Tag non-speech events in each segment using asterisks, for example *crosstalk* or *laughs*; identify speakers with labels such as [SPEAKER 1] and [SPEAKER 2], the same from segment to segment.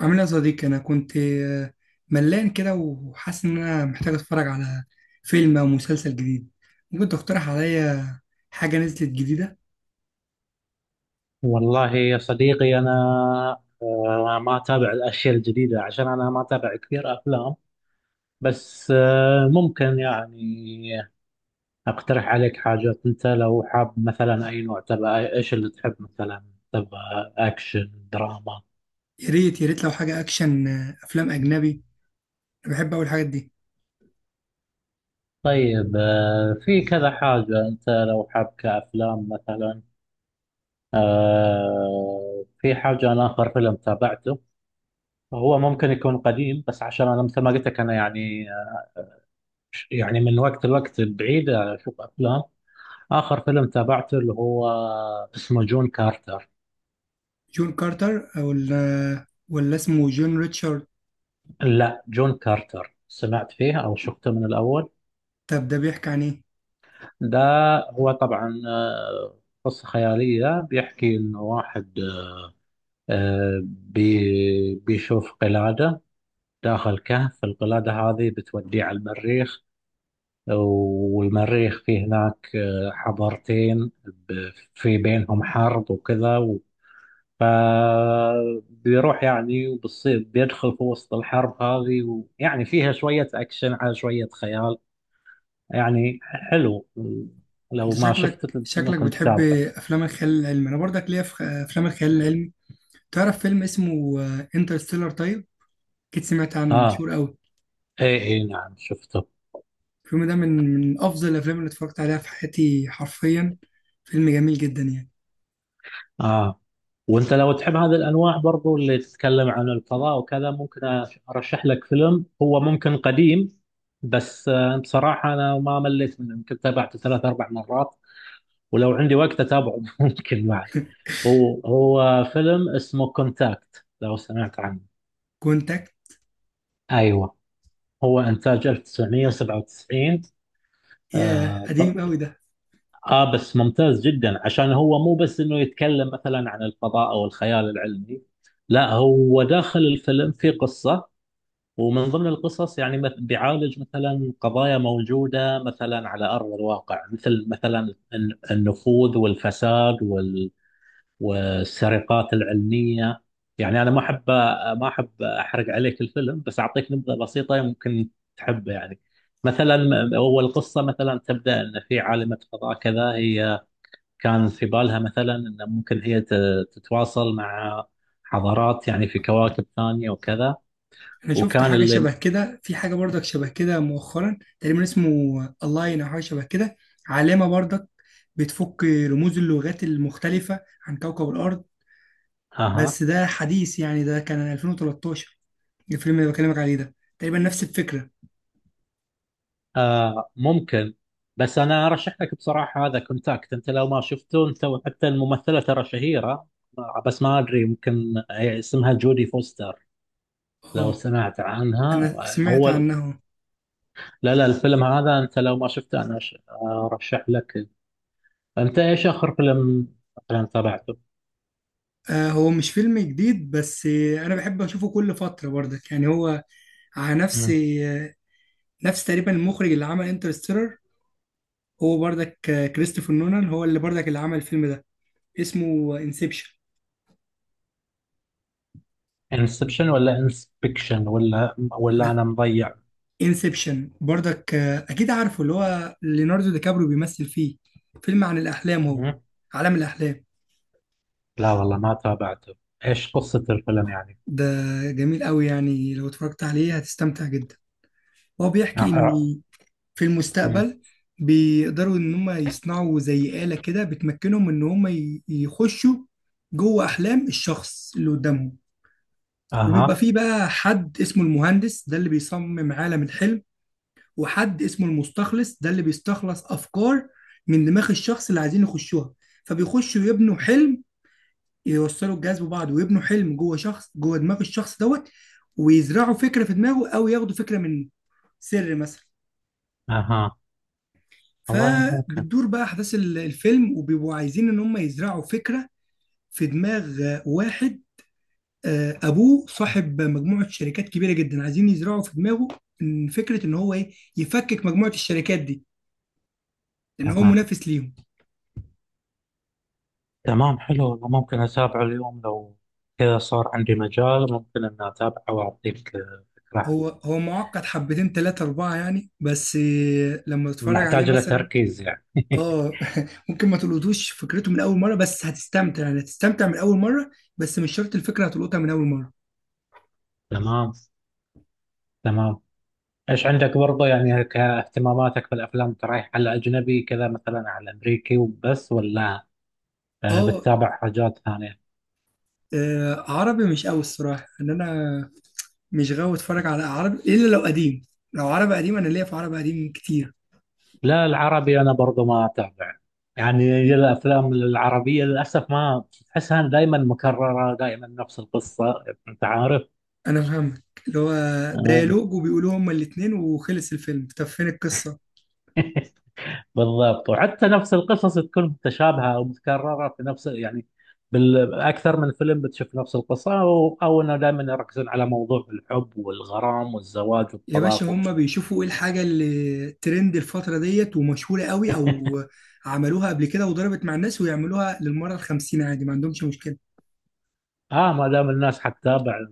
[SPEAKER 1] عامل ايه يا صديقي؟ انا كنت ملان كده وحاسس ان انا محتاج اتفرج على فيلم او مسلسل جديد. ممكن تقترح عليا حاجه نزلت جديده؟
[SPEAKER 2] والله يا صديقي أنا ما أتابع الأشياء الجديدة عشان أنا ما أتابع كثير أفلام. بس ممكن يعني أقترح عليك حاجات. أنت لو حاب مثلا أي نوع تبع، إيش اللي تحب مثلا؟ تبع أكشن دراما؟
[SPEAKER 1] يا ريت يا ريت لو حاجه اكشن، افلام اجنبي. انا بحب اول الحاجات دي.
[SPEAKER 2] طيب في كذا حاجة. أنت لو حاب كأفلام مثلا، في حاجة. أنا آخر فيلم تابعته هو ممكن يكون قديم، بس عشان أنا مثل ما قلت لك أنا يعني من وقت لوقت بعيد أشوف أفلام. آخر فيلم تابعته اللي هو اسمه جون كارتر.
[SPEAKER 1] جون كارتر او ولا اسمه جون ريتشارد؟
[SPEAKER 2] لا، جون كارتر سمعت فيه أو شفته من الأول.
[SPEAKER 1] طب ده بيحكي عن ايه؟
[SPEAKER 2] ده هو طبعا قصة خيالية، بيحكي إنه واحد، آه، بي بيشوف قلادة داخل كهف. القلادة هذه بتوديه على المريخ، والمريخ فيه هناك حضارتين في بينهم حرب وكذا. فبيروح يعني وبتصير، بيدخل في وسط الحرب هذه، ويعني فيها شوية أكشن على شوية خيال. يعني حلو،
[SPEAKER 1] انت
[SPEAKER 2] لو ما
[SPEAKER 1] شكلك
[SPEAKER 2] شفته
[SPEAKER 1] شكلك
[SPEAKER 2] ممكن
[SPEAKER 1] بتحب
[SPEAKER 2] تتابعه.
[SPEAKER 1] افلام الخيال العلمي. انا برضك ليا في افلام الخيال العلمي. تعرف فيلم اسمه انترستيلر؟ طيب، اكيد سمعت عنه
[SPEAKER 2] آه،
[SPEAKER 1] مشهور قوي.
[SPEAKER 2] إي إي نعم شفته.
[SPEAKER 1] الفيلم ده من أفضل الأفلام اللي اتفرجت عليها في حياتي حرفيا. فيلم جميل جدا يعني.
[SPEAKER 2] آه، وأنت لو تحب هذه الأنواع برضو اللي تتكلم عن الفضاء وكذا، ممكن أرشح لك فيلم هو ممكن قديم، بس بصراحة أنا ما مليت منه، يمكن تابعته ثلاث أربع مرات، ولو عندي وقت أتابعه *laughs* ممكن معك. هو فيلم اسمه كونتاكت، لو سمعت عنه.
[SPEAKER 1] كونتاكت.
[SPEAKER 2] ايوه، هو انتاج 1997.
[SPEAKER 1] ياه
[SPEAKER 2] آه, ط-
[SPEAKER 1] قديم قوي ده.
[SPEAKER 2] اه، بس ممتاز جدا عشان هو مو بس انه يتكلم مثلا عن الفضاء او الخيال العلمي، لا هو داخل الفيلم في قصة. ومن ضمن القصص يعني بيعالج مثلا قضايا موجودة مثلا على أرض الواقع، مثل مثلا النفوذ والفساد والسرقات العلميه. يعني انا ما احب احرق عليك الفيلم، بس اعطيك نبذه بسيطه ممكن تحبه يعني. مثلا اول قصه مثلا، تبدا ان في عالمه فضاء كذا، هي كان في بالها مثلا ان ممكن هي تتواصل مع حضارات يعني في كواكب ثانيه وكذا،
[SPEAKER 1] أنا شفت
[SPEAKER 2] وكان
[SPEAKER 1] حاجة
[SPEAKER 2] اللي...
[SPEAKER 1] شبه كده، في حاجة برضك شبه كده مؤخرا تقريبا اسمه ألاين أو حاجة شبه كده، علامة برضك بتفك رموز اللغات المختلفة عن كوكب الأرض.
[SPEAKER 2] اها.
[SPEAKER 1] بس ده حديث يعني، ده كان 2013. الفيلم اللي بكلمك عليه ده تقريبا نفس الفكرة.
[SPEAKER 2] آه، ممكن، بس انا ارشح لك بصراحه هذا كونتاكت. انت لو ما شفته، انت حتى الممثله ترى شهيره، بس ما ادري، ممكن هي اسمها جودي فوستر، لو
[SPEAKER 1] اه.
[SPEAKER 2] سمعت عنها.
[SPEAKER 1] أنا سمعت
[SPEAKER 2] هو،
[SPEAKER 1] عنه.
[SPEAKER 2] لا لا الفيلم هذا انت لو ما شفته انا ارشح لك. انت ايش اخر فيلم مثلا تابعته؟
[SPEAKER 1] هو مش فيلم جديد بس انا بحب اشوفه كل فتره برضك، يعني هو على نفس تقريبا المخرج اللي عمل انترستيلر. هو برضك كريستوفر نولان هو اللي برضك اللي عمل الفيلم ده، اسمه انسبشن.
[SPEAKER 2] انسبشن ولا انسبكشن ولا
[SPEAKER 1] لا،
[SPEAKER 2] انا مضيع؟
[SPEAKER 1] انسبشن برضك، اكيد عارفه اللي هو ليوناردو دي كابريو بيمثل فيه. فيلم عن الاحلام هو،
[SPEAKER 2] مم.
[SPEAKER 1] عالم الاحلام.
[SPEAKER 2] لا والله ما تابعته. ايش قصه الفيلم يعني؟
[SPEAKER 1] ده جميل قوي يعني، لو اتفرجت عليه هتستمتع جدا. هو
[SPEAKER 2] آه،
[SPEAKER 1] بيحكي ان
[SPEAKER 2] آه.
[SPEAKER 1] في
[SPEAKER 2] مم.
[SPEAKER 1] المستقبل بيقدروا ان هم يصنعوا زي آلة كده بتمكنهم ان هم يخشوا جوه احلام الشخص اللي قدامهم. وبيبقى
[SPEAKER 2] اها.
[SPEAKER 1] فيه بقى حد اسمه المهندس ده اللي بيصمم عالم الحلم، وحد اسمه المستخلص ده اللي بيستخلص افكار من دماغ الشخص اللي عايزين يخشوها. فبيخشوا يبنوا حلم، يوصلوا الجهاز ببعض ويبنوا حلم جوه شخص، جوه دماغ الشخص دوت، ويزرعوا فكرة في دماغه او ياخدوا فكرة منه، سر مثلا.
[SPEAKER 2] اها. والله ممكن.
[SPEAKER 1] فبتدور بقى احداث الفيلم وبيبقوا عايزين ان هم يزرعوا فكره في دماغ واحد ابوه صاحب مجموعه شركات كبيره جدا، عايزين يزرعوا في دماغه ان فكره ان هو ايه، يفكك مجموعه الشركات دي لان هو
[SPEAKER 2] أها،
[SPEAKER 1] منافس ليهم.
[SPEAKER 2] تمام، حلو، والله ممكن أتابعه اليوم لو كذا صار عندي مجال. ممكن أن أتابعه وأعطيك فكرة
[SPEAKER 1] هو
[SPEAKER 2] حلوة.
[SPEAKER 1] هو معقد حبتين، ثلاثه اربعه يعني، بس لما تتفرج عليه
[SPEAKER 2] محتاج له
[SPEAKER 1] مثلا.
[SPEAKER 2] تركيز يعني. *laughs*
[SPEAKER 1] اه *laughs* ممكن ما تلقطوش فكرته من اول مره بس هتستمتع، يعني هتستمتع من اول مره. بس مش شرط الفكره هتلقطها من اول مره.
[SPEAKER 2] تمام، تمام. إيش عندك برضه يعني كاهتماماتك في الأفلام؟ أنت رايح على أجنبي كذا مثلا على أمريكي وبس، ولا
[SPEAKER 1] اه.
[SPEAKER 2] بتتابع حاجات ثانية؟
[SPEAKER 1] عربي مش قوي الصراحة، ان انا مش غاوي اتفرج على عربي الا لو قديم. لو عربي قديم انا ليا في عربي قديم كتير.
[SPEAKER 2] لا، العربي أنا برضه ما أتابع. يعني الأفلام العربية للأسف، ما تحسها، دائما مكررة، دائما نفس القصة أنت عارف.
[SPEAKER 1] انا فاهمك، اللي هو
[SPEAKER 2] آه.
[SPEAKER 1] ديالوج وبيقولوا هما الاتنين وخلص الفيلم، طب فين القصة؟
[SPEAKER 2] بالضبط. وحتى نفس القصص تكون متشابهه او متكرره في نفس يعني، بالاكثر من فيلم بتشوف نفس القصه، او انه دائما يركزون على موضوع الحب والغرام والزواج
[SPEAKER 1] يا باشا
[SPEAKER 2] والطلاق و...
[SPEAKER 1] هما بيشوفوا ايه الحاجة اللي ترند الفترة ديت ومشهورة قوي، او عملوها قبل كده وضربت مع الناس ويعملوها للمرة الخمسين عادي، ما عندهمش مشكلة.
[SPEAKER 2] اه، ما دام الناس حتتابع.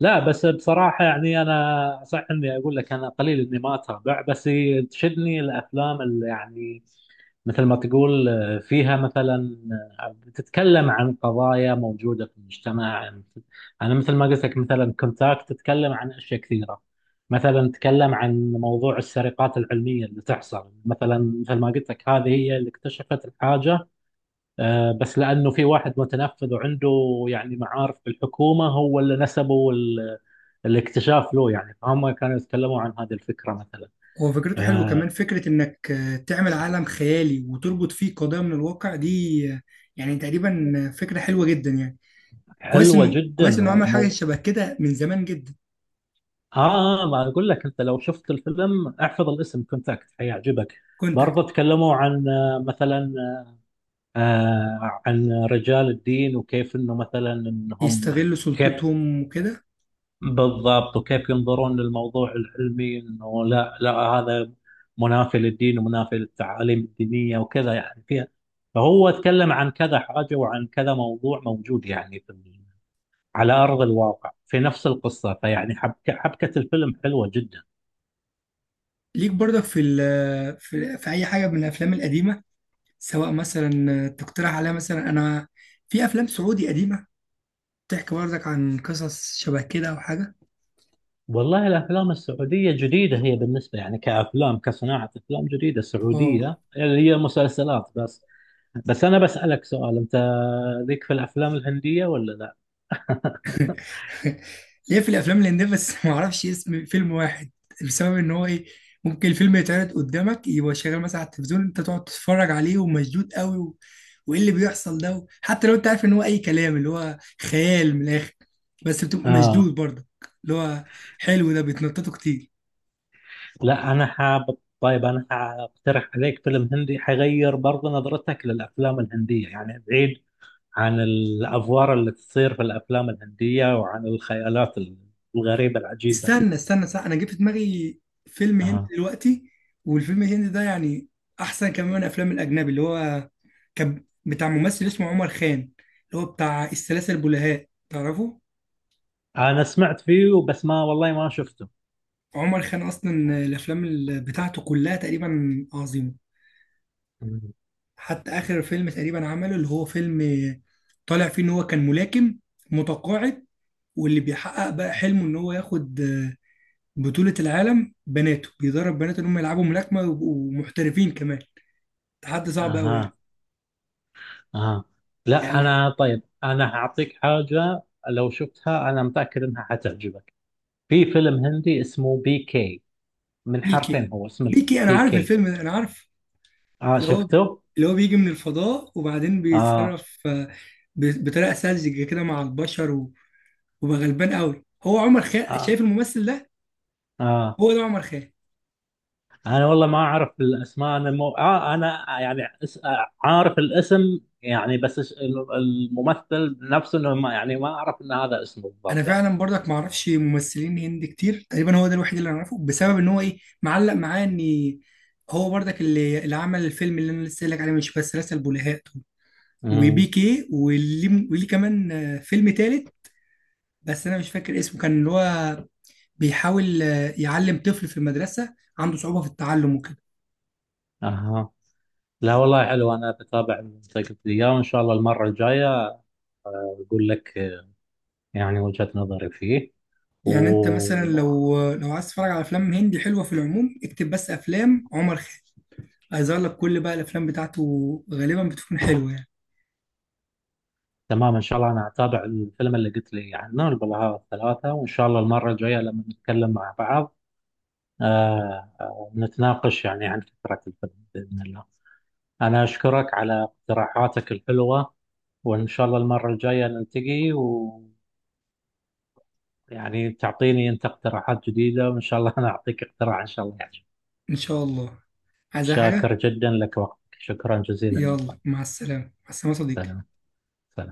[SPEAKER 2] لا بس بصراحه يعني انا صح اني اقول لك انا قليل اني ما اتابع، بس تشدني الافلام اللي يعني مثل ما تقول فيها مثلا، بتتكلم عن قضايا موجودة في المجتمع. أنا مثل ما قلت لك مثلا كونتاكت، تتكلم عن أشياء كثيرة، مثلا تتكلم عن موضوع السرقات العلمية اللي تحصل مثلا، مثل ما قلت لك هذه هي اللي اكتشفت الحاجة، بس لأنه في واحد متنفذ وعنده يعني معارف بالحكومة، هو اللي نسبوا الاكتشاف له. يعني فهم كانوا يتكلموا عن هذه الفكرة مثلا.
[SPEAKER 1] هو فكرته حلوة،
[SPEAKER 2] آه،
[SPEAKER 1] كمان فكرة انك تعمل عالم خيالي وتربط فيه قضايا من الواقع دي. آه، يعني تقريبا فكرة حلوة جدا يعني. كويس
[SPEAKER 2] حلوة
[SPEAKER 1] انه
[SPEAKER 2] جدا.
[SPEAKER 1] كويس انه عمل حاجه شبه كده من زمان جدا.
[SPEAKER 2] اه، ما اقول لك انت لو شفت الفيلم احفظ الاسم، كونتاكت، حيعجبك.
[SPEAKER 1] كونتاكت.
[SPEAKER 2] برضه تكلموا عن مثلا، عن رجال الدين وكيف انه مثلا، انهم
[SPEAKER 1] يستغلوا
[SPEAKER 2] كيف...
[SPEAKER 1] سلطتهم وكده.
[SPEAKER 2] بالضبط، وكيف ينظرون للموضوع العلمي، انه لا لا هذا منافي للدين ومنافي للتعاليم الدينية وكذا. يعني فيها، فهو تكلم عن كذا حاجة وعن كذا موضوع موجود يعني في على أرض الواقع في نفس القصة. فيعني حبكة الفيلم حلوة جدا.
[SPEAKER 1] ليك برضك في اي حاجه من الافلام القديمه، سواء مثلا تقترح عليها مثلا؟ انا في افلام سعودي قديمه بتحكي برضك عن قصص شبه كده او حاجه.
[SPEAKER 2] والله الافلام السعوديه جديده هي، بالنسبه يعني كافلام، كصناعه افلام جديده
[SPEAKER 1] اه.
[SPEAKER 2] سعوديه، اللي هي مسلسلات بس. بس انا بسالك سؤال، انت ليك في الافلام الهنديه ولا لا؟
[SPEAKER 1] ليه في الافلام الهنديه بس *laughs* ما اعرفش اسم فيلم واحد، بسبب ان هو ايه، ممكن الفيلم يتعرض قدامك يبقى شغال مثلا على التلفزيون انت تقعد تتفرج عليه ومشدود قوي و، وايه اللي بيحصل ده و، حتى لو انت عارف ان هو اي كلام اللي هو خيال من الاخر، بس بتبقى
[SPEAKER 2] اه،
[SPEAKER 1] مشدود برضه. اللي هو حلو ده، بيتنططوا كتير.
[SPEAKER 2] لا انا حاب. طيب انا حاقترح عليك فيلم هندي حيغير برضه نظرتك للافلام الهنديه، يعني بعيد عن الافوار اللي تصير في الافلام الهنديه وعن الخيالات الغريبه العجيبه.
[SPEAKER 1] استنى استنى، صح، انا جبت في دماغي فيلم هندي
[SPEAKER 2] آه.
[SPEAKER 1] دلوقتي. والفيلم الهندي ده يعني احسن كمان من الافلام الاجنبي، اللي هو كان بتاع ممثل اسمه عمر خان، اللي هو بتاع السلاسل البلهاء، تعرفه؟
[SPEAKER 2] انا سمعت فيه بس ما، والله ما شفته.
[SPEAKER 1] عمر خان اصلا الافلام بتاعته كلها تقريبا عظيمه.
[SPEAKER 2] مم.
[SPEAKER 1] حتى اخر فيلم تقريبا عمله، اللي هو فيلم طالع فيه ان هو كان ملاكم متقاعد واللي بيحقق بقى حلمه ان هو ياخد بطولة العالم، بناته بيدرب بناته ان هم يلعبوا ملاكمة ويبقوا محترفين كمان. تحدي صعب قوي يعني.
[SPEAKER 2] اها. آه.
[SPEAKER 1] يعني
[SPEAKER 2] لا
[SPEAKER 1] لو.
[SPEAKER 2] أنا، طيب أنا هعطيك حاجة لو شفتها أنا متأكد إنها حتعجبك. في فيلم هندي اسمه بي كي، من حرفين
[SPEAKER 1] بيكي،
[SPEAKER 2] هو اسمه،
[SPEAKER 1] بيكي انا
[SPEAKER 2] بي
[SPEAKER 1] عارف
[SPEAKER 2] كي.
[SPEAKER 1] الفيلم ده، انا عارف.
[SPEAKER 2] آه،
[SPEAKER 1] اللي هو
[SPEAKER 2] شفته؟
[SPEAKER 1] اللي هو بيجي من الفضاء وبعدين
[SPEAKER 2] آه.
[SPEAKER 1] بيتصرف بطريقه ساذجه كده مع البشر وبقى غلبان قوي. هو عمر خيرت،
[SPEAKER 2] آه.
[SPEAKER 1] شايف الممثل ده؟
[SPEAKER 2] آه.
[SPEAKER 1] هو ده عمر خيرت.
[SPEAKER 2] أنا والله ما أعرف الأسماء، أنا مو... آه أنا يعني اس... عارف الاسم يعني، بس الممثل نفسه، إنه ما يعني ما أعرف إن هذا اسمه
[SPEAKER 1] انا
[SPEAKER 2] بالضبط يعني.
[SPEAKER 1] فعلا برضك ما اعرفش ممثلين هند كتير، تقريبا هو ده الوحيد اللي انا اعرفه، بسبب ان هو ايه معلق معاه ان هو برضك اللي عمل الفيلم اللي انا لسه قايل لك عليه، مش بس رسل بلهاء
[SPEAKER 2] امم.
[SPEAKER 1] وبيكي وليه كمان فيلم تالت بس انا مش فاكر اسمه، كان اللي هو بيحاول يعلم طفل في المدرسه عنده صعوبه في التعلم وكده.
[SPEAKER 2] آه. لا والله حلو، أنا بتابع من ذاك الأيام. إن شاء الله المرة الجاية أقول لك يعني وجهة نظري فيه.
[SPEAKER 1] يعني انت مثلا
[SPEAKER 2] وتمام،
[SPEAKER 1] لو عايز تتفرج على افلام هندي حلوه في العموم اكتب بس افلام عمر خالد، هيظهر لك كل بقى الافلام بتاعته، غالبا بتكون حلوه يعني.
[SPEAKER 2] إن شاء الله أنا أتابع الفيلم اللي قلت لي عنه، البلاهات الثلاثة، وإن شاء الله المرة الجاية لما نتكلم مع بعض نتناقش يعني عن فكرة الفيلم بإذن الله. أنا أشكرك على اقتراحاتك الحلوة، وإن شاء الله المرة الجاية نلتقي، ويعني تعطيني أنت اقتراحات جديدة، وإن شاء الله أنا أعطيك اقتراح إن شاء الله يعجبك.
[SPEAKER 1] ان شاء الله. عايز أي
[SPEAKER 2] شاكر
[SPEAKER 1] حاجه؟
[SPEAKER 2] جدا لك وقتك، شكرا جزيلا.
[SPEAKER 1] يلا مع السلامه مع السلامه يا صديقي.
[SPEAKER 2] سلام. سلام.